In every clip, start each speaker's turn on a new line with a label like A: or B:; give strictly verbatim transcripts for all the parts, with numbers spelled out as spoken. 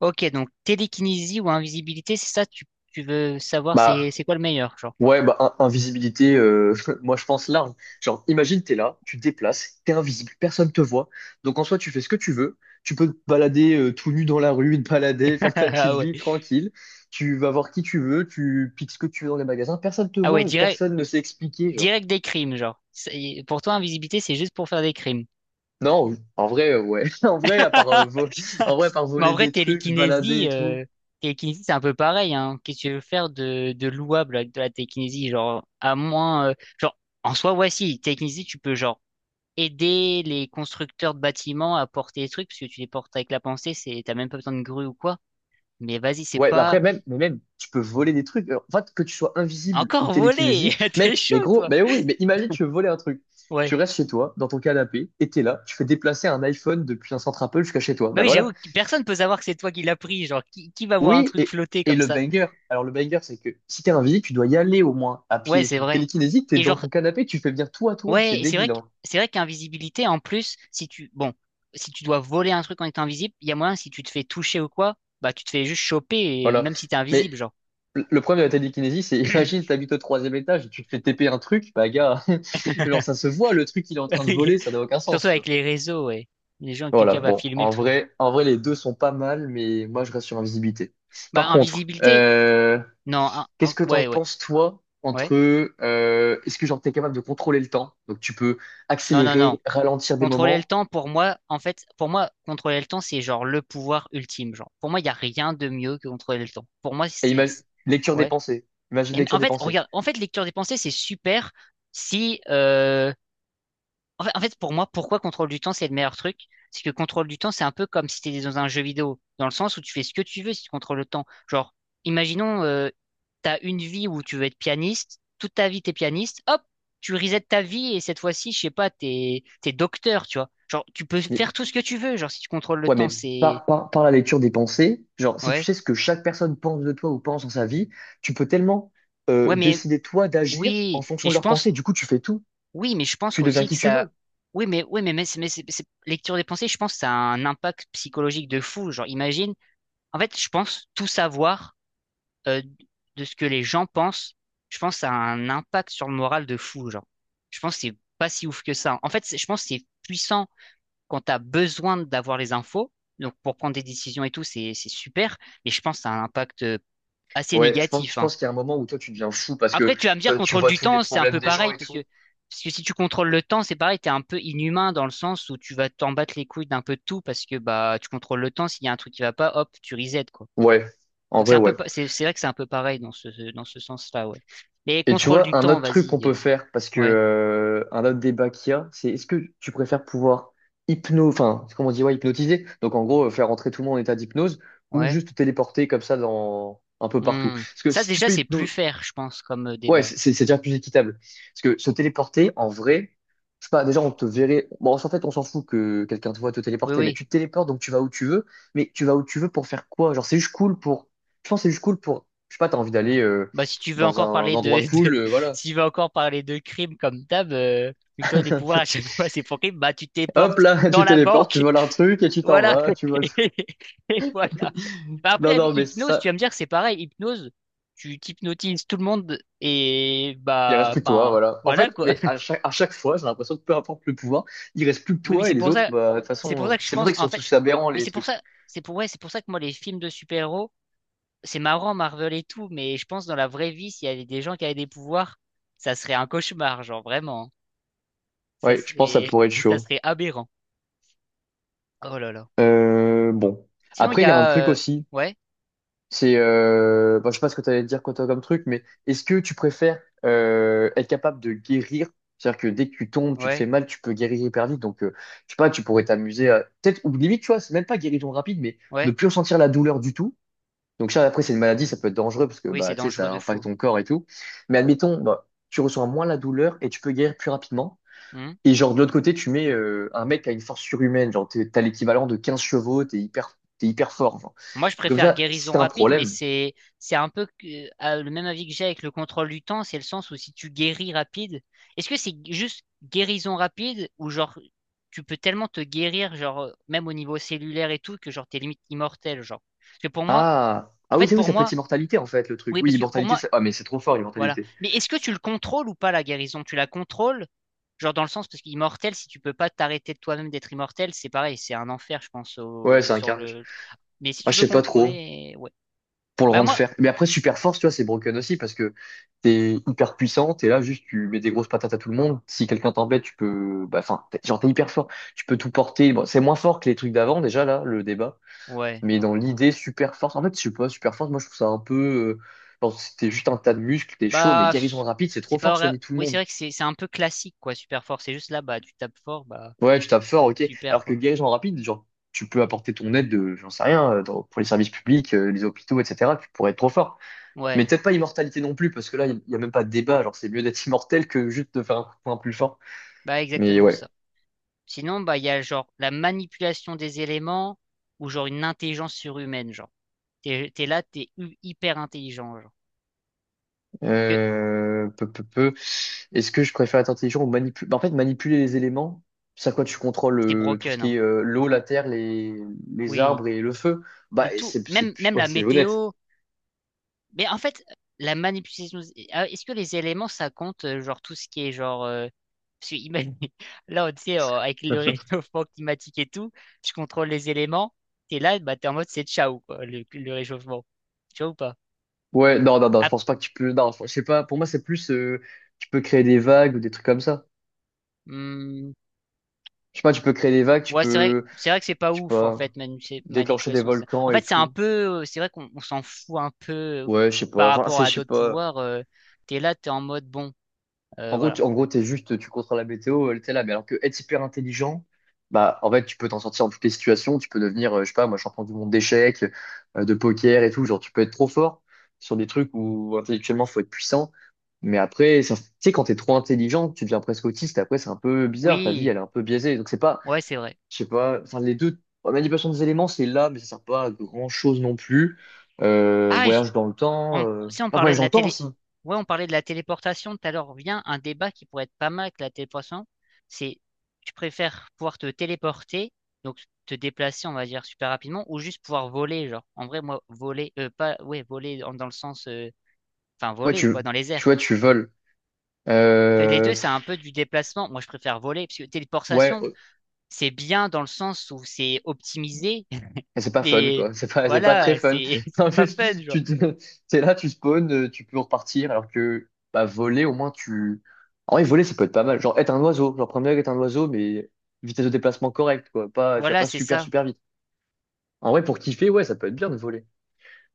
A: Ok, donc télékinésie ou invisibilité, c'est ça, tu, tu veux savoir c'est
B: Bah
A: c'est quoi le meilleur, genre.
B: ouais, bah in- invisibilité, euh, moi je pense large. Genre, imagine t'es là, tu te déplaces, t'es invisible, personne te voit. Donc en soi, tu fais ce que tu veux. Tu peux te balader euh, tout nu dans la rue, te balader, faire ta petite
A: Ah ouais.
B: vie tranquille. Tu vas voir qui tu veux, tu piques ce que tu veux dans les magasins, personne te
A: Ah ouais,
B: voit,
A: direct,
B: personne ne sait expliquer, genre.
A: direct des crimes, genre. C'est- Pour toi, invisibilité, c'est juste pour faire des crimes.
B: Non, en vrai, euh, ouais. En vrai, à part, euh, vo- en vrai, à part
A: Mais en
B: voler
A: vrai,
B: des trucs, se balader
A: télékinésie,
B: et tout.
A: euh, télékinésie, c'est un peu pareil, hein. Qu'est-ce que tu veux faire de, de louable avec de la télékinésie, genre, à moins, euh, genre, en soi, ouais, si, télékinésie, tu peux, genre, aider les constructeurs de bâtiments à porter des trucs, parce que tu les portes avec la pensée, c'est, t'as même pas besoin de grue ou quoi. Mais vas-y, c'est
B: Ouais, bah
A: pas.
B: après, même, mais même, tu peux voler des trucs. En fait, que tu sois invisible ou
A: Encore volé!
B: télékinésie,
A: T'es
B: mec,
A: chaud,
B: mais gros,
A: toi!
B: mais oui, mais imagine, tu veux voler un truc. Tu
A: Ouais.
B: restes chez toi, dans ton canapé, et t'es là, tu fais déplacer un iPhone depuis un centre Apple jusqu'à chez toi.
A: Bah
B: Bah
A: oui, j'avoue,
B: voilà.
A: que personne peut savoir que c'est toi qui l'as pris. Genre, qui, qui va voir un
B: Oui,
A: truc
B: et,
A: flotter
B: et
A: comme
B: le
A: ça?
B: banger. Alors, le banger, c'est que si t'es invisible, tu dois y aller au moins, à pied
A: Ouais,
B: et
A: c'est
B: tout.
A: vrai.
B: Télékinésie, t'es
A: Et
B: dans
A: genre,
B: ton canapé, tu fais venir tout à toi. C'est
A: ouais, et c'est vrai
B: débile,
A: que,
B: hein.
A: c'est vrai qu'invisibilité, en plus, si tu, bon, si tu dois voler un truc en étant invisible, il y a moyen, si tu te fais toucher ou quoi, bah, tu te fais juste choper, et
B: Voilà.
A: même si t'es
B: Mais
A: invisible, genre.
B: le le problème de la télékinésie, c'est imagine, t'habites au troisième étage et tu te fais T P un truc, bah gars, genre ça se voit, le truc il est en train de voler, ça n'a aucun
A: Surtout
B: sens, tu
A: avec
B: vois.
A: les réseaux, ouais. Les gens,
B: Voilà,
A: quelqu'un va
B: bon,
A: filmer le
B: en
A: truc.
B: vrai, en vrai, les deux sont pas mal, mais moi, je reste sur invisibilité.
A: Bah,
B: Par contre,
A: invisibilité?
B: euh,
A: Non, un-
B: qu'est-ce
A: un-
B: que t'en
A: ouais, ouais,
B: penses, toi, entre,
A: ouais.
B: euh, est-ce que genre t'es capable de contrôler le temps? Donc, tu peux
A: Non, non, non.
B: accélérer, ralentir des
A: Contrôler le
B: moments,
A: temps, pour moi, en fait, pour moi, contrôler le temps, c'est genre le pouvoir ultime. Genre, pour moi, il n'y a rien de mieux que contrôler le temps. Pour moi,
B: et
A: c'est,
B: imagine,
A: c'est-
B: lecture des
A: ouais.
B: pensées. Imagine
A: Mais
B: lecture
A: en
B: des
A: fait,
B: pensées.
A: regarde, en fait, lecture des pensées, c'est super si, euh, en fait, en fait, pour moi, pourquoi contrôle du temps, c'est le meilleur truc? C'est que contrôle du temps, c'est un peu comme si tu étais dans un jeu vidéo, dans le sens où tu fais ce que tu veux si tu contrôles le temps. Genre, imaginons, euh, tu as une vie où tu veux être pianiste, toute ta vie, t'es pianiste, hop, tu resets ta vie et cette fois-ci, je sais pas, t'es, t'es docteur, tu vois. Genre, tu peux
B: Mais,
A: faire tout ce que tu veux, genre, si tu contrôles le
B: ouais,
A: temps,
B: mais
A: c'est.
B: par, par, par la lecture des pensées, genre, si tu
A: Ouais.
B: sais ce que chaque personne pense de toi ou pense dans sa vie, tu peux tellement,
A: Ouais,
B: euh,
A: mais
B: décider, toi, d'agir en
A: oui, mais
B: fonction de
A: je
B: leurs
A: pense,
B: pensées. Du coup, tu fais tout.
A: oui, mais je pense
B: Tu deviens
A: aussi
B: qui
A: que
B: tu
A: ça.
B: veux.
A: Oui, mais oui, mais, mais, c'est- mais c'est- c'est- lecture des pensées, je pense que ça a un impact psychologique de fou. Genre, imagine. En fait, je pense tout savoir euh, de ce que les gens pensent, je pense ça a un impact sur le moral de fou, genre. Je pense que c'est pas si ouf que ça. En fait, c'est- je pense que c'est puissant quand t'as besoin d'avoir les infos. Donc pour prendre des décisions et tout, c'est c'est super. Mais je pense que ça a un impact euh, assez
B: Ouais, je pense, je
A: négatif, hein.
B: pense qu'il y a un moment où toi tu deviens fou parce
A: Après,
B: que
A: tu vas me dire
B: toi, tu
A: contrôle
B: vois
A: du
B: tous les
A: temps, c'est un
B: problèmes
A: peu
B: des gens
A: pareil
B: et
A: parce que
B: tout.
A: parce que si tu contrôles le temps, c'est pareil, t'es un peu inhumain dans le sens où tu vas t'en battre les couilles d'un peu de tout parce que bah tu contrôles le temps. S'il y a un truc qui va pas, hop, tu reset, quoi.
B: Ouais, en
A: Donc c'est
B: vrai,
A: un peu,
B: ouais.
A: pa- c'est c'est vrai que c'est un peu pareil dans ce dans ce sens-là, ouais. Mais
B: Et tu
A: contrôle du
B: vois, un
A: temps,
B: autre truc qu'on
A: vas-y, euh,
B: peut faire, parce que
A: ouais,
B: euh, un autre débat qu'il y a, c'est est-ce que tu préfères pouvoir hypno, enfin, comment on dit, ouais, hypnotiser, donc en gros, euh, faire rentrer tout le monde en état d'hypnose, ou
A: ouais.
B: juste te téléporter comme ça dans un peu partout.
A: Hmm.
B: Parce que
A: Ça
B: si tu
A: déjà
B: peux
A: c'est plus
B: hypno.
A: faire, je pense, comme euh,
B: Ouais,
A: débat.
B: c'est c'est- c'est déjà plus équitable. Parce que se téléporter, en vrai, je sais pas, déjà on te verrait. Bon, en fait, on s'en fout que quelqu'un te voit te
A: Oui,
B: téléporter, mais
A: oui.
B: tu te téléportes donc tu vas où tu veux. Mais tu vas où tu veux pour faire quoi? Genre, c'est juste cool pour. Je pense que c'est juste cool pour. Je sais pas, t'as envie d'aller euh,
A: Bah si tu veux
B: dans
A: encore
B: un
A: parler de,
B: endroit
A: de
B: cool, euh, voilà.
A: si tu veux encore parler de crime comme d'hab, euh, vu que toi les pouvoirs à chaque fois c'est pour crime, bah tu te
B: Hop
A: téléportes
B: là,
A: dans
B: tu
A: la
B: téléportes, tu
A: banque.
B: voles un truc et tu t'en
A: Voilà.
B: vas, tu voles.
A: Et voilà. Bah,
B: Non,
A: après
B: non, mais
A: hypnose,
B: ça,
A: tu vas me dire que c'est pareil. Hypnose, tu t'hypnotises tout le monde et
B: il reste
A: bah
B: plus que toi,
A: enfin
B: voilà. En
A: voilà
B: fait,
A: quoi.
B: mais à chaque, à chaque fois, j'ai l'impression que peu importe le pouvoir, il reste plus que
A: Oui, mais
B: toi
A: c'est
B: et les
A: pour
B: autres,
A: ça,
B: bah, de toute
A: c'est pour
B: façon, euh,
A: ça que je
B: c'est
A: pense,
B: vrai qu'ils
A: en
B: sont
A: fait,
B: tous aberrants,
A: mais
B: les
A: c'est pour
B: trucs.
A: ça, c'est pour, ouais, c'est pour ça que moi, les films de super-héros, c'est marrant, Marvel et tout, mais je pense dans la vraie vie, s'il y avait des gens qui avaient des pouvoirs, ça serait un cauchemar, genre vraiment. Ça
B: Ouais, je pense que ça
A: serait,
B: pourrait être
A: ça
B: chaud.
A: serait aberrant. Oh là là.
B: Euh, bon.
A: Sinon, il
B: Après,
A: y
B: il y a un
A: a,
B: truc
A: euh,
B: aussi,
A: ouais,
B: c'est, euh, bon, je sais pas ce que tu allais dire quand t'as comme truc, mais est-ce que tu préfères euh, être capable de guérir? C'est-à-dire que dès que tu tombes, tu te
A: ouais,
B: fais mal, tu peux guérir hyper vite. Donc, euh, je sais pas, tu pourrais t'amuser à... Peut-être, ou limite, tu vois, c'est même pas guérison rapide, mais ne
A: ouais,
B: plus ressentir la douleur du tout. Donc, ça, après, c'est une maladie, ça peut être dangereux parce que,
A: oui, c'est
B: bah, tu sais,
A: dangereux
B: ça
A: de
B: impacte
A: fou.
B: ton corps et tout. Mais admettons, bah, tu ressens moins la douleur et tu peux guérir plus rapidement.
A: Hmm.
B: Et genre, de l'autre côté, tu mets euh, un mec qui a une force surhumaine, genre, t'es- t'as l'équivalent de quinze chevaux, t'es hyper, t'es hyper fort, genre.
A: Moi, je
B: Comme
A: préfère
B: ça, si
A: guérison
B: t'as un
A: rapide, mais
B: problème.
A: c'est c'est un peu que- euh, le même avis que j'ai avec le contrôle du temps, c'est le sens où si tu guéris rapide, est-ce que c'est juste guérison rapide ou genre tu peux tellement te guérir genre euh, même au niveau cellulaire et tout que genre t'es limite immortel genre. Parce que pour moi,
B: Ah,
A: en
B: ah oui,
A: fait
B: c'est oui,
A: pour
B: ça peut être
A: moi,
B: immortalité en fait, le truc.
A: oui
B: Oui,
A: parce que pour
B: immortalité,
A: moi
B: ça... ah, mais c'est trop fort,
A: voilà.
B: immortalité.
A: Mais est-ce que tu le contrôles ou pas la guérison? Tu la contrôles genre dans le sens parce qu'immortel si tu peux pas t'arrêter de toi-même d'être immortel, c'est pareil, c'est un enfer je pense
B: Ouais,
A: au-
B: c'est un
A: sur
B: carnage.
A: le. Mais si
B: Ah,
A: tu
B: je
A: peux
B: sais pas trop
A: contrôler, ouais.
B: pour le
A: Bah
B: rendre
A: moi.
B: fer. Mais après, super force, tu vois, c'est broken aussi parce que t'es hyper puissant, t'es là, juste, tu mets des grosses patates à tout le monde. Si quelqu'un t'embête, tu peux. Bah, enfin, t'es- genre, t'es hyper fort, tu peux tout porter. Bon, c'est moins fort que les trucs d'avant, déjà, là, le débat.
A: Ouais.
B: Mais dans l'idée, super force, en fait, je sais pas, super force, moi je trouve ça un peu, euh, genre, c'était juste un tas de muscles, t'es chaud, mais
A: Bah,
B: guérison
A: pff,
B: rapide, c'est trop
A: c'est
B: fort
A: pas
B: de
A: vrai.
B: soigner tout le
A: Oui, c'est
B: monde.
A: vrai que c'est c'est un peu classique, quoi, super fort. C'est juste là, bah, tu tapes fort, bah,
B: Ouais, tu tapes fort, ok.
A: super,
B: Alors que
A: quoi.
B: guérison rapide, genre, tu peux apporter ton aide de, j'en sais rien, euh, dans- pour les services publics, euh, les hôpitaux, et cetera. Tu pourrais être trop fort. Mais
A: Ouais.
B: peut-être pas immortalité non plus, parce que là, il n'y y a même pas de débat. Genre, c'est mieux d'être immortel que juste de faire un coup de poing plus fort.
A: Bah,
B: Mais
A: exactement ça.
B: ouais.
A: Sinon, bah, il y a genre la manipulation des éléments ou genre une intelligence surhumaine, genre. T'es, t'es là, t'es hu- hyper intelligent, genre. Parce que
B: Euh, peu, peu, peu. Est-ce que je préfère être intelligent ou manipuler? En fait, manipuler les éléments, c'est à quoi tu contrôles
A: t'es
B: euh, tout ce
A: broken, hein.
B: qui est euh, l'eau, la terre, les, les
A: Oui.
B: arbres et le feu.
A: Mais
B: Bah, et
A: tout,
B: c'est, c'est,
A: même, même
B: ouais,
A: la
B: c'est honnête.
A: météo. Mais en fait, la manipulation, ah, est-ce que les éléments, ça compte, euh, genre tout ce qui est genre. Euh, parce que imagine- là, on- tu sais, euh, avec le réchauffement climatique et tout, je contrôle les éléments, t'es là, bah, t'es en mode c'est ciao, quoi, le, le réchauffement. Tu vois ou pas?
B: Ouais, non, non, non, je
A: Ah,
B: pense pas que tu peux. Non, je sais pas. Pour moi, c'est plus euh, tu peux créer des vagues ou des trucs comme ça.
A: hmm,
B: Je sais pas, tu peux créer des vagues, tu
A: ouais, c'est vrai,
B: peux,
A: c'est vrai que c'est pas
B: je sais
A: ouf, en
B: pas,
A: fait, manu- c'est-
B: déclencher des
A: manipulation. des-
B: volcans
A: En
B: et
A: fait, c'est un
B: tout.
A: peu, euh, c'est vrai qu'on on s'en fout un peu euh,
B: Ouais, je sais pas.
A: par
B: Enfin,
A: rapport
B: c'est,
A: à
B: je sais
A: d'autres
B: pas.
A: pouvoirs. Euh, t'es là, t'es en mode bon, euh,
B: En gros, tu,
A: voilà.
B: en gros, t'es juste, tu contrôles la météo, elle t'es là. Mais alors que être hyper intelligent, bah, en fait, tu peux t'en sortir dans toutes les situations. Tu peux devenir, euh, je sais pas, moi, champion du monde d'échecs, euh, de poker et tout. Genre, tu peux être trop fort sur des trucs où intellectuellement, faut être puissant. Mais après, ça- tu sais, quand t'es trop intelligent, tu deviens presque autiste. Après, c'est un peu bizarre. Ta vie,
A: Oui,
B: elle est un peu biaisée. Donc, c'est pas,
A: ouais, c'est vrai.
B: je sais pas, enfin, les deux, la manipulation des éléments, c'est là, mais ça sert pas à grand chose non plus. Euh,
A: Ah, j-
B: voyage dans le temps,
A: On,
B: euh...
A: si on
B: enfin,
A: parlait
B: voyage
A: de
B: dans
A: la
B: le temps
A: télé,
B: aussi.
A: ouais, on parlait de la téléportation tout à l'heure. Vient un débat qui pourrait être pas mal avec la téléportation. C'est tu préfères pouvoir te téléporter, donc te déplacer, on va dire super rapidement, ou juste pouvoir voler, genre. En vrai, moi, voler, euh, pas, ouais, voler en- dans le sens, euh, enfin
B: Ouais,
A: voler
B: tu,
A: quoi, dans les
B: tu
A: airs.
B: vois, tu voles.
A: Parce que les
B: Euh,
A: deux, c'est un peu du déplacement. Moi, je préfère voler, parce que
B: Ouais,
A: téléportation,
B: ouais.
A: c'est bien dans le sens où c'est optimisé,
B: C'est pas fun,
A: mais
B: quoi. C'est pas, c'est pas très
A: voilà,
B: fun.
A: c'est c'est
B: En
A: pas
B: plus,
A: fun, genre.
B: tu te- t'es là, tu spawns, euh, tu peux repartir, alors que, bah, voler, au moins, tu... En vrai, voler, ça peut être pas mal. Genre, être un oiseau. Genre, prendre est un oiseau, mais vitesse de déplacement correcte, quoi. Pas, tu vas
A: Voilà,
B: pas
A: c'est
B: super,
A: ça.
B: super vite. En vrai, pour kiffer, ouais, ça peut être bien de voler.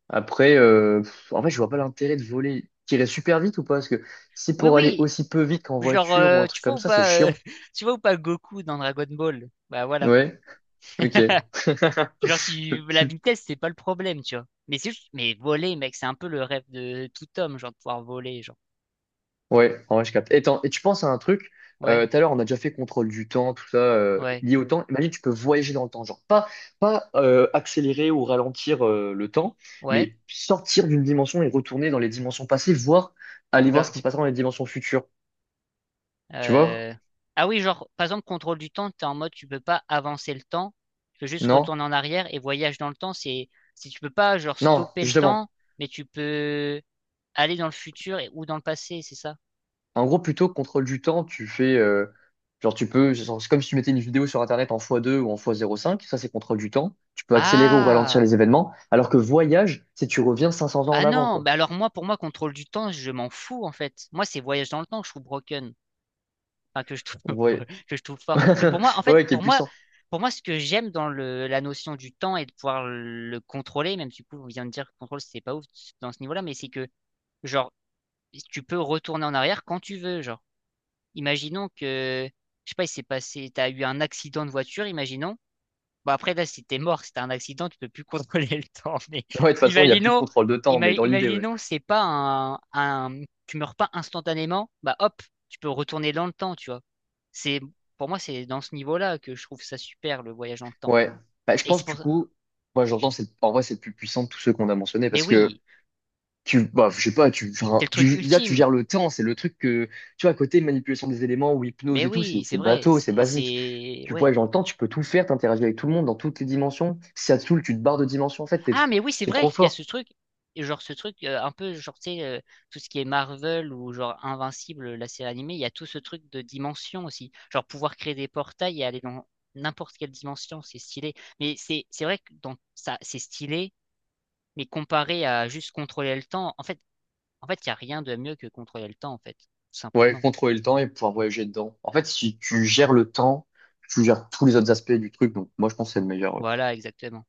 B: Après, euh, pff, en vrai, je vois pas l'intérêt de voler. Tirer super vite ou pas? Parce que si
A: Oui,
B: pour aller
A: oui.
B: aussi peu vite qu'en
A: Genre,
B: voiture ou
A: euh,
B: un
A: tu
B: truc
A: vois
B: comme
A: ou
B: ça, c'est
A: pas, euh,
B: chiant.
A: tu vois ou pas Goku dans Dragon Ball? Bah voilà.
B: Ouais, ok.
A: Genre, tu, la vitesse, c'est pas le problème, tu vois. Mais c'est juste, mais voler, mec, c'est un peu le rêve de tout homme, genre, de pouvoir voler, genre.
B: Ouais, en vrai, je capte. Et, t'en- et tu penses à un truc,
A: Ouais,
B: euh, tout à l'heure, on a déjà fait contrôle du temps, tout ça, euh,
A: ouais,
B: lié au temps. Imagine, tu peux voyager dans le temps, genre pas, pas euh, accélérer ou ralentir euh, le temps,
A: ouais.
B: mais sortir d'une dimension et retourner dans les dimensions passées, voire aller voir ce
A: Oula.
B: qui se passera dans les dimensions futures. Tu vois?
A: Euh... Ah oui, genre, par exemple, contrôle du temps, t'es en mode, tu peux pas avancer le temps. Tu peux juste
B: Non?
A: retourner en arrière et voyage dans le temps, c'est, si tu peux pas, genre,
B: Non,
A: stopper le
B: justement.
A: temps, mais tu peux aller dans le futur et, ou dans le passé, c'est ça?
B: En gros, plutôt que contrôle du temps, tu fais, euh, genre, tu peux, genre, c'est comme si tu mettais une vidéo sur Internet en fois deux ou en fois zéro,cinq, ça, c'est contrôle du temps. Tu peux accélérer ou ralentir
A: Ah!
B: les événements, alors que voyage, c'est tu reviens cinq cents ans en
A: Ah
B: avant,
A: non,
B: quoi.
A: bah alors moi, pour moi, contrôle du temps, je m'en fous en fait. Moi, c'est voyage dans le temps que je trouve broken, enfin que je trouve
B: Ouais.
A: que je trouve fort. Parce que pour moi, en fait,
B: Ouais, qui est
A: pour moi,
B: puissant.
A: pour moi, ce que j'aime dans le la notion du temps et de pouvoir le contrôler, même si du coup, on vient de dire que contrôle, c'est pas ouf dans ce niveau-là, mais c'est que genre tu peux retourner en arrière quand tu veux. Genre, imaginons que je sais pas, il s'est passé, t'as eu un accident de voiture, imaginons. Bon, après, là, si t'es mort, si t'as un accident, tu peux plus contrôler le temps. Mais
B: Ouais, de toute façon, il n'y a plus de
A: imaginons,
B: contrôle de temps,
A: ima-
B: mais dans l'idée, ouais.
A: imaginons, c'est pas un, un, tu meurs pas instantanément, bah hop, tu peux retourner dans le temps, tu vois. C'est, pour moi, c'est dans ce niveau-là que je trouve ça super, le voyage dans le temps.
B: Ouais. Bah, je
A: Et c'est
B: pense,
A: pour
B: du
A: ça.
B: coup, moi, j'entends, c'est, en vrai, c'est le plus puissant de tous ceux qu'on a mentionnés
A: Mais
B: parce que
A: oui,
B: tu, bah, je sais pas, tu,
A: c'est
B: enfin,
A: le truc
B: tu- déjà, tu
A: ultime.
B: gères le temps, c'est le truc que, tu vois, à côté, manipulation des éléments ou
A: Mais
B: hypnose et tout, c'est,
A: oui, c'est
B: c'est
A: vrai.
B: bateau, c'est
A: C'est,
B: basique.
A: c'est-
B: Tu
A: ouais.
B: vois, j'entends, tu peux tout faire, t'interagis avec tout le monde dans toutes les dimensions. Si ça te saoule, tu te barres de dimension. En fait, t'es,
A: Ah, mais oui, c'est
B: t'es
A: vrai
B: trop
A: qu'il y a ce
B: fort.
A: truc, genre ce truc euh, un peu, genre, tu sais, euh, tout ce qui est Marvel ou genre Invincible, la série animée, il y a tout ce truc de dimension aussi. Genre pouvoir créer des portails et aller dans n'importe quelle dimension, c'est stylé. Mais c'est c'est vrai que dans ça, c'est stylé, mais comparé à juste contrôler le temps, en fait, en fait, il n'y a rien de mieux que contrôler le temps, en fait, tout
B: Ouais,
A: simplement.
B: contrôler le temps et pouvoir voyager dedans. En fait, si tu gères le temps, tu gères tous les autres aspects du truc. Donc, moi, je pense que c'est le meilleur.
A: Voilà, exactement.